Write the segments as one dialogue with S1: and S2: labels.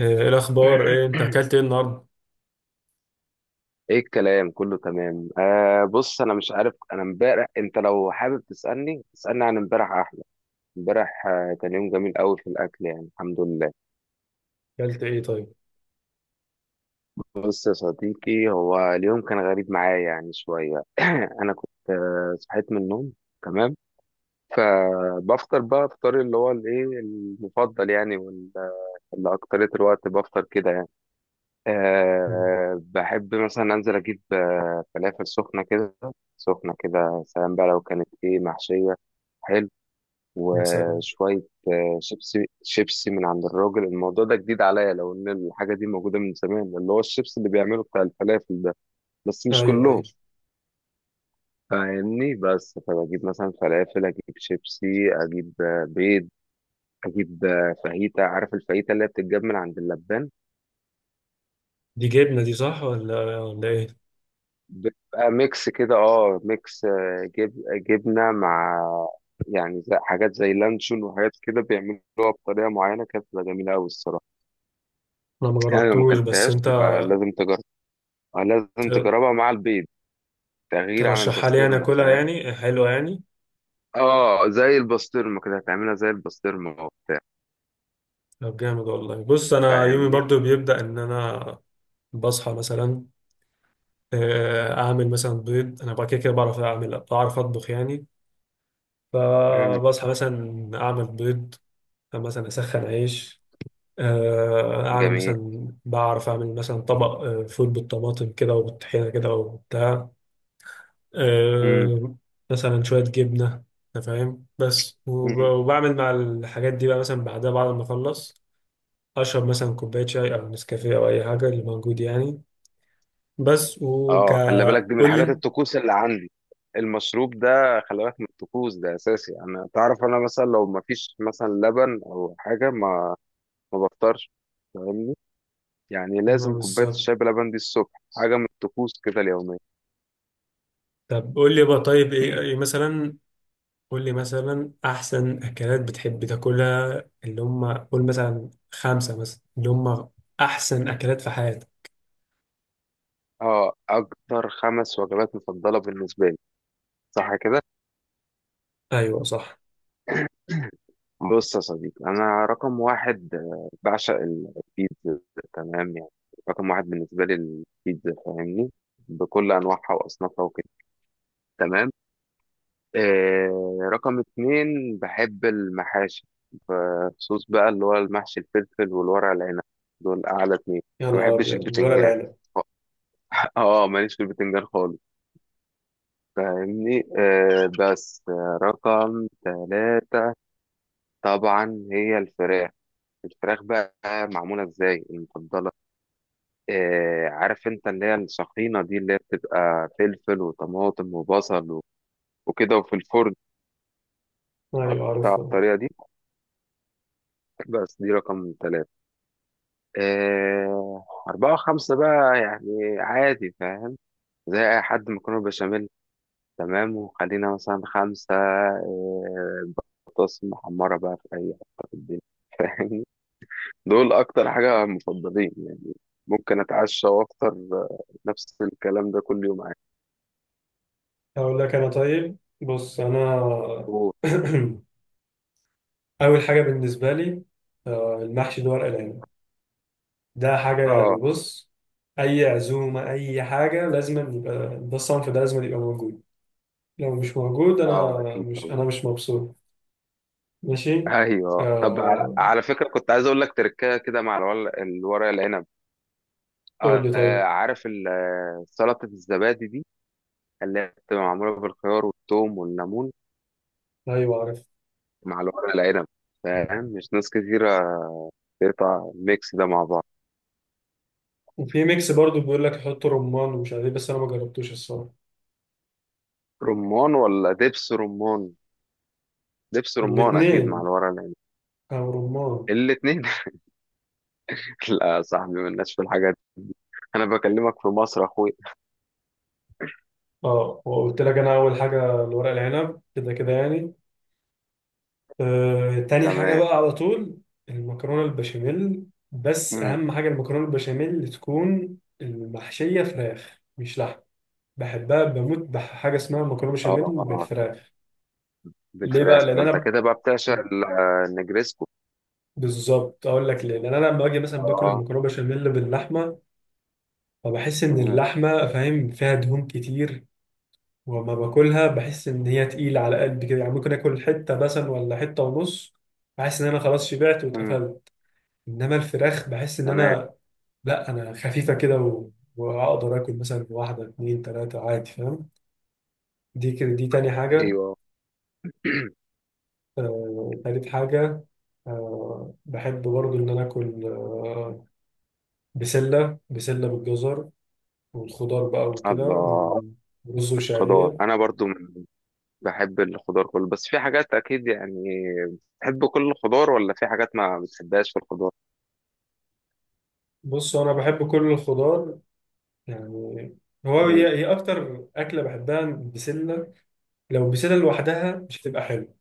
S1: إيه الأخبار، إيه أنت أكلت إيه النهاردة؟
S2: ايه الكلام كله تمام. بص انا مش عارف، انا امبارح. انت لو حابب تسالني اسالني عن امبارح، احلى امبارح. كان يوم جميل قوي في الاكل، يعني الحمد لله.
S1: أكلت إيه طيب؟
S2: بص يا صديقي، هو اليوم كان غريب معايا يعني شويه. انا كنت صحيت من النوم، تمام، فبفطر بقى فطاري اللي هو الايه المفضل يعني، اللي اكتريت الوقت بفطر كده يعني.
S1: مم.
S2: أه، بحب مثلا أنزل أجيب فلافل سخنة كده. سخنة كده سلام بقى، لو كانت إيه محشية، حلو،
S1: يا سلام.
S2: وشوية شيبسي من عند الراجل. الموضوع ده جديد عليا، لو إن الحاجة دي موجودة من زمان، اللي هو الشيبسي اللي بيعمله بتاع الفلافل ده، بس مش
S1: أيوه أيوه.
S2: كلهم، فاهمني؟ بس فبجيب مثلا فلافل، أجيب شيبسي، أجيب بيض، أجيب فاهيتا. عارف الفاهيتا اللي هي بتتجاب من عند اللبان؟
S1: دي جبنة، دي صح ولا إيه؟
S2: بيبقى ميكس كده، اه ميكس، آه، جب جبنة مع، يعني زي حاجات زي لانشون وحاجات كده، بيعملوها بطريقة معينة، كانت بتبقى جميلة أوي الصراحة.
S1: أنا
S2: يعني لو ما
S1: مجربتوش، بس
S2: أكلتهاش
S1: أنت
S2: تبقى لازم تجربها. لازم
S1: ت-
S2: تجربها مع البيض، تغيير عن
S1: ترشحها لي أنا
S2: البسطرمة،
S1: أكلها،
S2: فاهم؟
S1: يعني حلوة يعني؟
S2: اه، زي البسطرمة كده. هتعملها زي البسطرمة وبتاع.
S1: طب جامد والله. بص أنا يومي
S2: فاهمني؟
S1: برضو بيبدأ إن أنا بصحى مثلا، أعمل مثلا بيض، أنا بقى كده كده بعرف أعمل، بعرف أطبخ يعني.
S2: مم.
S1: فبصحى مثلا أعمل بيض، مثلا أسخن عيش، اعمل
S2: جميل.
S1: مثلا، بعرف اعمل مثلا طبق فول بالطماطم كده وبالطحينه كده وبتاع،
S2: مم.
S1: آه، مثلا شويه جبنه، انت فاهم. بس
S2: مم.
S1: وبعمل مع الحاجات دي بقى، مثلا بعدها بعد ما اخلص اشرب مثلا كوبايه شاي او نسكافيه او اي حاجه اللي موجود يعني. بس وك،
S2: اه، خلي بالك، دي من
S1: قول
S2: الحاجات
S1: لي.
S2: الطقوس اللي عندي. المشروب ده خلي بالك، من الطقوس ده، اساسي. انا تعرف، انا مثلا لو ما فيش مثلا لبن او حاجه، ما بفطرش، فاهمني؟ يعني لازم كوبايه
S1: بالظبط.
S2: الشاي بلبن دي الصبح، حاجه من الطقوس كده اليوميه.
S1: طب قول لي بقى طيب، إيه مثلا، قول لي مثلا احسن اكلات بتحب تاكلها، اللي هم قول مثلا خمسة مثلا، اللي هم احسن اكلات في حياتك.
S2: اه، اكتر خمس وجبات مفضله بالنسبه لي، صح كده؟
S1: ايوه صح.
S2: بص يا صديقي، انا رقم واحد بعشق البيتزا، تمام يعني. رقم واحد بالنسبه لي البيتزا، فاهمني؟ بكل انواعها واصنافها وكده، تمام. رقم اتنين بحب المحاشي، بخصوص بقى اللي هو المحشي الفلفل والورق العنب. دول أعلى اتنين.
S1: يا
S2: ما
S1: نهار
S2: بحبش
S1: ابيض، الورق
S2: البتنجان.
S1: العنب.
S2: اه، ماليش في البتنجان خالص، فاهمني؟ آه، بس آه، رقم ثلاثة طبعا هي الفراخ. الفراخ بقى معمولة ازاي المفضلة؟ آه، عارف انت اللي هي السخينة دي، اللي هي بتبقى فلفل وطماطم وبصل وكده، وفي الفرن
S1: ايوه
S2: قطع،
S1: عارفه.
S2: الطريقة دي. بس دي رقم ثلاثة. أربعة وخمسة بقى يعني عادي، فاهم؟ زي أي حد، مكرونة بشاميل، تمام، وخلينا مثلا خمسة بطاطس محمرة بقى في أي حتة في الدنيا. فاهم؟ دول أكتر حاجة مفضلين يعني. ممكن أتعشى وأفطر نفس الكلام ده كل يوم، عادي.
S1: اقول لك انا طيب، بص انا،
S2: أوه.
S1: اول حاجه بالنسبه لي المحشي ده، ورق العنب، ده حاجه
S2: آه.
S1: يعني. بص، اي عزومه، اي حاجه لازم يبقى ده الصنف، ده لازم يبقى موجود. لو مش موجود انا
S2: آه، أكيد
S1: مش
S2: طبعا.
S1: انا مش مبسوط. ماشي.
S2: أيوه، طب
S1: آه،
S2: على فكرة كنت عايز أقول لك تركاية كده مع الورق العنب.
S1: قول
S2: آه.
S1: لي طيب.
S2: عارف سلطة الزبادي دي، اللي هي بتبقى معمولة بالخيار والثوم والليمون،
S1: ايوه عارف.
S2: مع الورق العنب؟ فاهم، مش ناس كتيرة تقطع الميكس ده مع بعض.
S1: وفي ميكس برضو بيقول لك يحط رمان ومش عارف ايه، بس انا ما جربتوش الصراحه.
S2: رمان ولا دبس رمان؟ دبس رمان أكيد مع
S1: الاثنين
S2: الورق العنب.
S1: او رمان.
S2: الاتنين. لا يا صاحبي، مالناش في الحاجات دي. أنا بكلمك في مصر، أخوي.
S1: اه وقلت لك انا اول حاجه الورق العنب كده كده يعني. آه تاني حاجه
S2: تمام.
S1: بقى على طول، المكرونه البشاميل. بس
S2: مم.
S1: اهم حاجه، المكرونه البشاميل تكون المحشيه فراخ مش لحم. بحبها بموت، بحاجه اسمها مكرونه بشاميل
S2: اه اه.
S1: بالفراخ. ليه بقى؟
S2: بالفراخ،
S1: لان
S2: ما أنت
S1: انا،
S2: كده بقى بتعشق النجريسكو.
S1: بالظبط، اقول لك ليه. لان انا لما باجي مثلا باكل
S2: اه.
S1: المكرونه بشاميل باللحمه، فبحس إن
S2: مم.
S1: اللحمة، فاهم، فيها دهون كتير. وما باكلها، بحس إن هي تقيلة على قلبي كده يعني. ممكن آكل حتة مثلا ولا حتة ونص، بحس إن أنا خلاص شبعت
S2: مم.
S1: واتقفلت. إنما الفراخ بحس إن
S2: تمام.
S1: أنا، لأ أنا خفيفة كده، و... وأقدر آكل مثلا واحدة اتنين تلاتة عادي، فاهم. دي كده دي تاني حاجة.
S2: أيوه.
S1: آه، تالت حاجة، آه، بحب برضو إن أنا آكل بسلة بالجزر والخضار بقى وكده،
S2: الله.
S1: ورز
S2: خضار،
S1: وشعرية.
S2: أنا برضو بحب الخضار كله، بس في حاجات أكيد يعني. بتحب كل الخضار ولا في حاجات ما بتحبهاش في الخضار؟
S1: بص انا بحب كل الخضار يعني. هو
S2: مم.
S1: هي هي اكتر اكله بحبها البسله. لو البسله لوحدها مش هتبقى حلوه،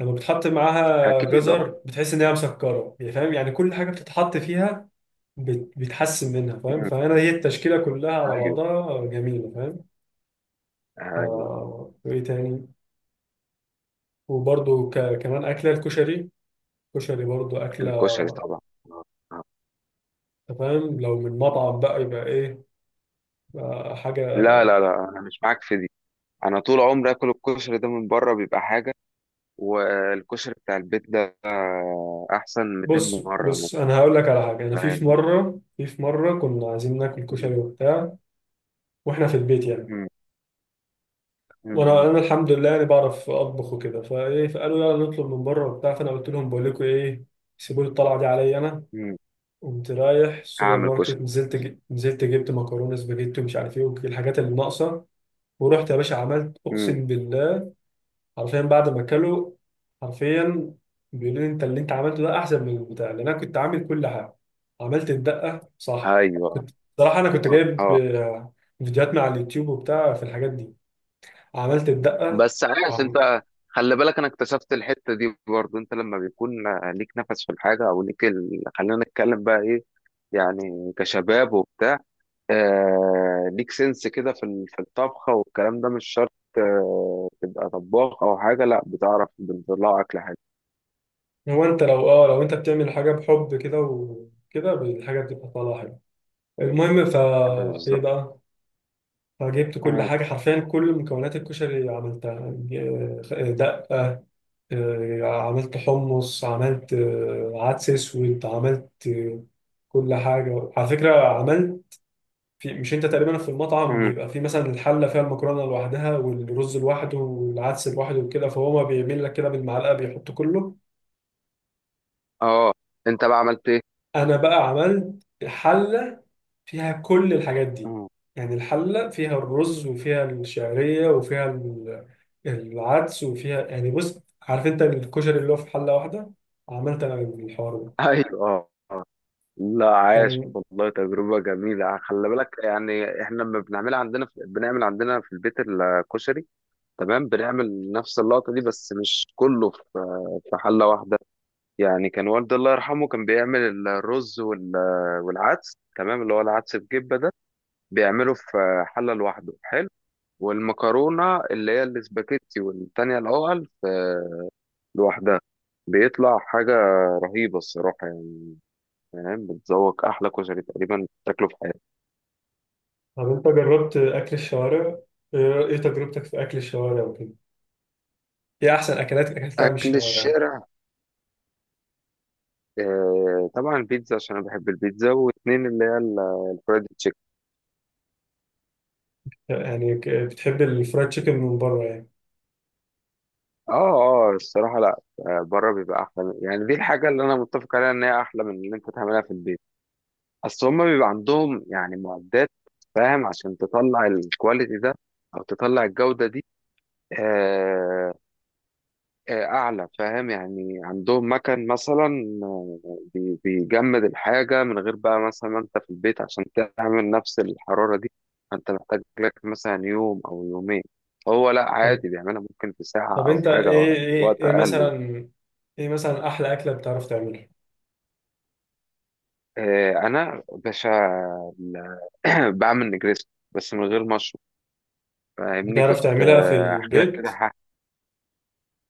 S1: لما بتحط معاها
S2: أكيد، أه.
S1: جزر بتحس ان هي مسكره يعني، فاهم يعني. كل حاجه بتتحط فيها بتحسن منها، فاهم.
S2: مم.
S1: فانا هي التشكيله كلها على
S2: أيوه.
S1: بعضها جميله، فاهم.
S2: أيوه. آه.
S1: آه وايه تاني؟ وبرده كمان اكله الكشري، كشري برضو اكله.
S2: الكشري طبعا. آه. آه.
S1: أنت فاهم، لو من مطعم بقى يبقى ايه حاجه.
S2: لا، أنا مش معاك في دي. أنا طول عمري آكل الكشري ده من بره، بيبقى حاجة. والكشري بتاع البيت ده أحسن 200
S1: بص
S2: مرة مثلا،
S1: بص، انا هقول لك على حاجه. انا في في
S2: فاهمني؟
S1: مره في في مره كنا عايزين ناكل
S2: مم.
S1: كشري وبتاع، واحنا في البيت يعني.
S2: مم.
S1: وانا
S2: مم.
S1: انا الحمد لله يعني بعرف اطبخ وكده، فايه، فقالوا يلا نطلب من بره وبتاع. فانا قلت لهم بقول لكم ايه، سيبوا لي الطلعه دي عليا انا.
S2: مم.
S1: قمت رايح السوبر
S2: هعمل
S1: ماركت،
S2: كشري.
S1: نزلت نزلت جبت مكرونه سباجيتي ومش عارف ايه، والحاجات اللي ناقصه. ورحت يا باشا عملت،
S2: مم.
S1: اقسم بالله، حرفيا بعد ما اكله، حرفيا، بيقولوا لي انت اللي انت عملته ده احسن من البتاع. لان انا كنت عامل كل حاجه، عملت الدقه صح.
S2: أيوه.
S1: كنت، صراحه انا كنت
S2: أه.
S1: جايب
S2: آه.
S1: فيديوهات مع اليوتيوب وبتاع في الحاجات دي، عملت الدقه.
S2: بس عارف
S1: عم-
S2: انت، خلي بالك، انا اكتشفت الحته دي برضو، انت لما بيكون ليك نفس في الحاجه، او ليك ال، خلينا نتكلم بقى ايه، يعني كشباب وبتاع، آه، ليك سنس كده في في الطبخه. والكلام ده مش شرط آه تبقى طباخ او حاجه، لا، بتعرف بتطلع اكل حاجه.
S1: هو انت لو، اه لو انت بتعمل حاجه بحب كده وكده، الحاجه بتبقى طالعه حلوه. المهم، فا ايه
S2: بالظبط.
S1: بقى. فجبت كل
S2: مم.
S1: حاجه حرفيا، كل مكونات الكشري عملتها. دقه، عملت حمص، عملت عدس اسود، عملت كل حاجه على فكره عملت. في، مش انت تقريبا في المطعم
S2: مم.
S1: بيبقى في مثلا الحله فيها المكرونه لوحدها والرز لوحده والعدس لوحده وكده، فهو ما بيعمل لك كده بالمعلقه بيحط كله.
S2: اه، انت بقى عملت ايه؟
S1: انا بقى عملت حله فيها كل الحاجات دي،
S2: مم.
S1: يعني الحله فيها الرز وفيها الشعريه وفيها العدس وفيها، يعني بص عارف انت الكشري اللي هو في حله واحده، عملت انا الحوار ده.
S2: ايوه، اه. لا عاش
S1: كان،
S2: والله، تجربة جميلة. خلي بالك يعني، احنا لما بنعملها عندنا في، بنعمل عندنا في البيت الكشري، تمام، بنعمل نفس اللقطة دي، بس مش كله في في حلة واحدة. يعني كان والدي الله يرحمه، كان بيعمل الرز والعدس، تمام، اللي هو العدس بجبة ده، بيعمله في حلة لوحده، حلو. والمكرونة اللي هي الاسباجيتي، والتانية الأول لوحدها. بيطلع حاجة رهيبة الصراحة يعني. فاهم؟ بتذوق أحلى كشري تقريبا تاكله في حياتك.
S1: طب انت جربت اكل الشوارع؟ ايه، إيه تجربتك في اكل الشوارع وكده، ايه احسن اكلات اكلتها من
S2: أكل
S1: الشوارع.
S2: الشارع؟ آه طبعا البيتزا، عشان أنا بحب البيتزا، واتنين اللي هي الفرايد تشيكن.
S1: يعني بتحب الفرايد تشيكن من بره يعني.
S2: اه اه، الصراحة لا. بره بيبقى احلى يعني، دي الحاجة اللي انا متفق عليها، ان هي احلى من اللي انت تعملها في البيت. اصل هما بيبقى عندهم يعني معدات، فاهم، عشان تطلع الكواليتي ده، او تطلع الجودة دي. آه. آه، اعلى، فاهم؟ يعني عندهم مكان مثلا بيجمد الحاجة، من غير بقى مثلا ما انت في البيت، عشان تعمل نفس الحرارة دي انت محتاج لك مثلا يوم او يومين. هو لا
S1: طب،
S2: عادي، بيعملها ممكن في ساعة
S1: طب
S2: او
S1: انت
S2: حاجة
S1: ايه،
S2: او وقت
S1: ايه
S2: اقل يعني.
S1: مثلا، ايه مثلا احلى اكله بتعرف تعملها،
S2: انا باشا ال- بعمل نجريسكو بس من غير مشروب. فاهمني؟ كنت
S1: بتعرف تعملها في
S2: احكي لك كده
S1: البيت.
S2: حاجه.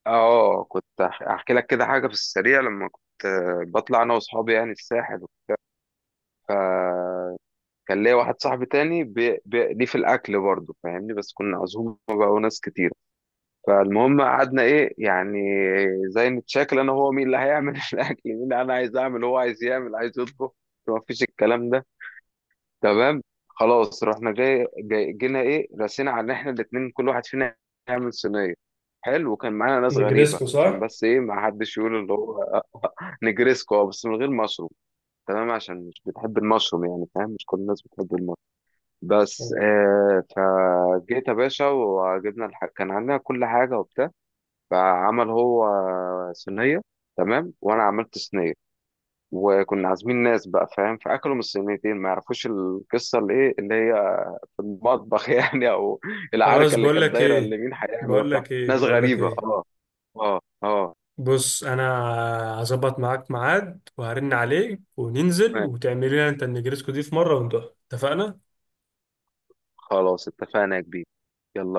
S2: اه كنت احكي لك كده حاجه في السريع، لما كنت بطلع انا واصحابي يعني الساحل. فكان ليا واحد صاحبي تاني ليه في الاكل برضه، فاهمني؟ بس كنا عزومه بقى وناس كتير. فالمهم قعدنا ايه يعني، زي نتشاكل انا هو، مين اللي هيعمل الاكل، مين اللي انا عايز اعمل، هو عايز يعمل، عايز يطبخ، ما فيش الكلام ده، تمام. خلاص رحنا جاي, جاي جينا ايه، رسينا على ان احنا الاتنين كل واحد فينا يعمل صينيه، حلو. وكان معانا ناس غريبه،
S1: نجريسكو
S2: عشان
S1: صح.
S2: بس ايه، ما حدش يقول اللي هو. نجريسكو، بس من غير مشروم، تمام، عشان مش بتحب المشروم يعني، فاهم مش كل الناس بتحب المشروم، بس
S1: تمام.
S2: آه. فجيت يا باشا وجبنا كان عندنا كل حاجه وبتاع. فعمل هو صينيه، تمام، وانا عملت صينيه. وكنا عازمين ناس بقى، فاهم؟ فاكلوا من الصينيتين، ما يعرفوش القصه اللي ايه، اللي هي المطبخ، يعني، او
S1: خلاص،
S2: العركه اللي
S1: بقول
S2: كانت
S1: لك
S2: دايره،
S1: ايه
S2: اللي مين هيعمل
S1: بقول
S2: وبتاع،
S1: لك ايه
S2: ناس
S1: بقول لك
S2: غريبه،
S1: ايه،
S2: اه. اه. اه.
S1: بص انا هظبط معاك ميعاد وهرن عليك وننزل
S2: تمام.
S1: وتعمل لنا انت النجريسكو دي في مره وندوها، اتفقنا.
S2: خلاص اتفقنا يا كبير. يلا.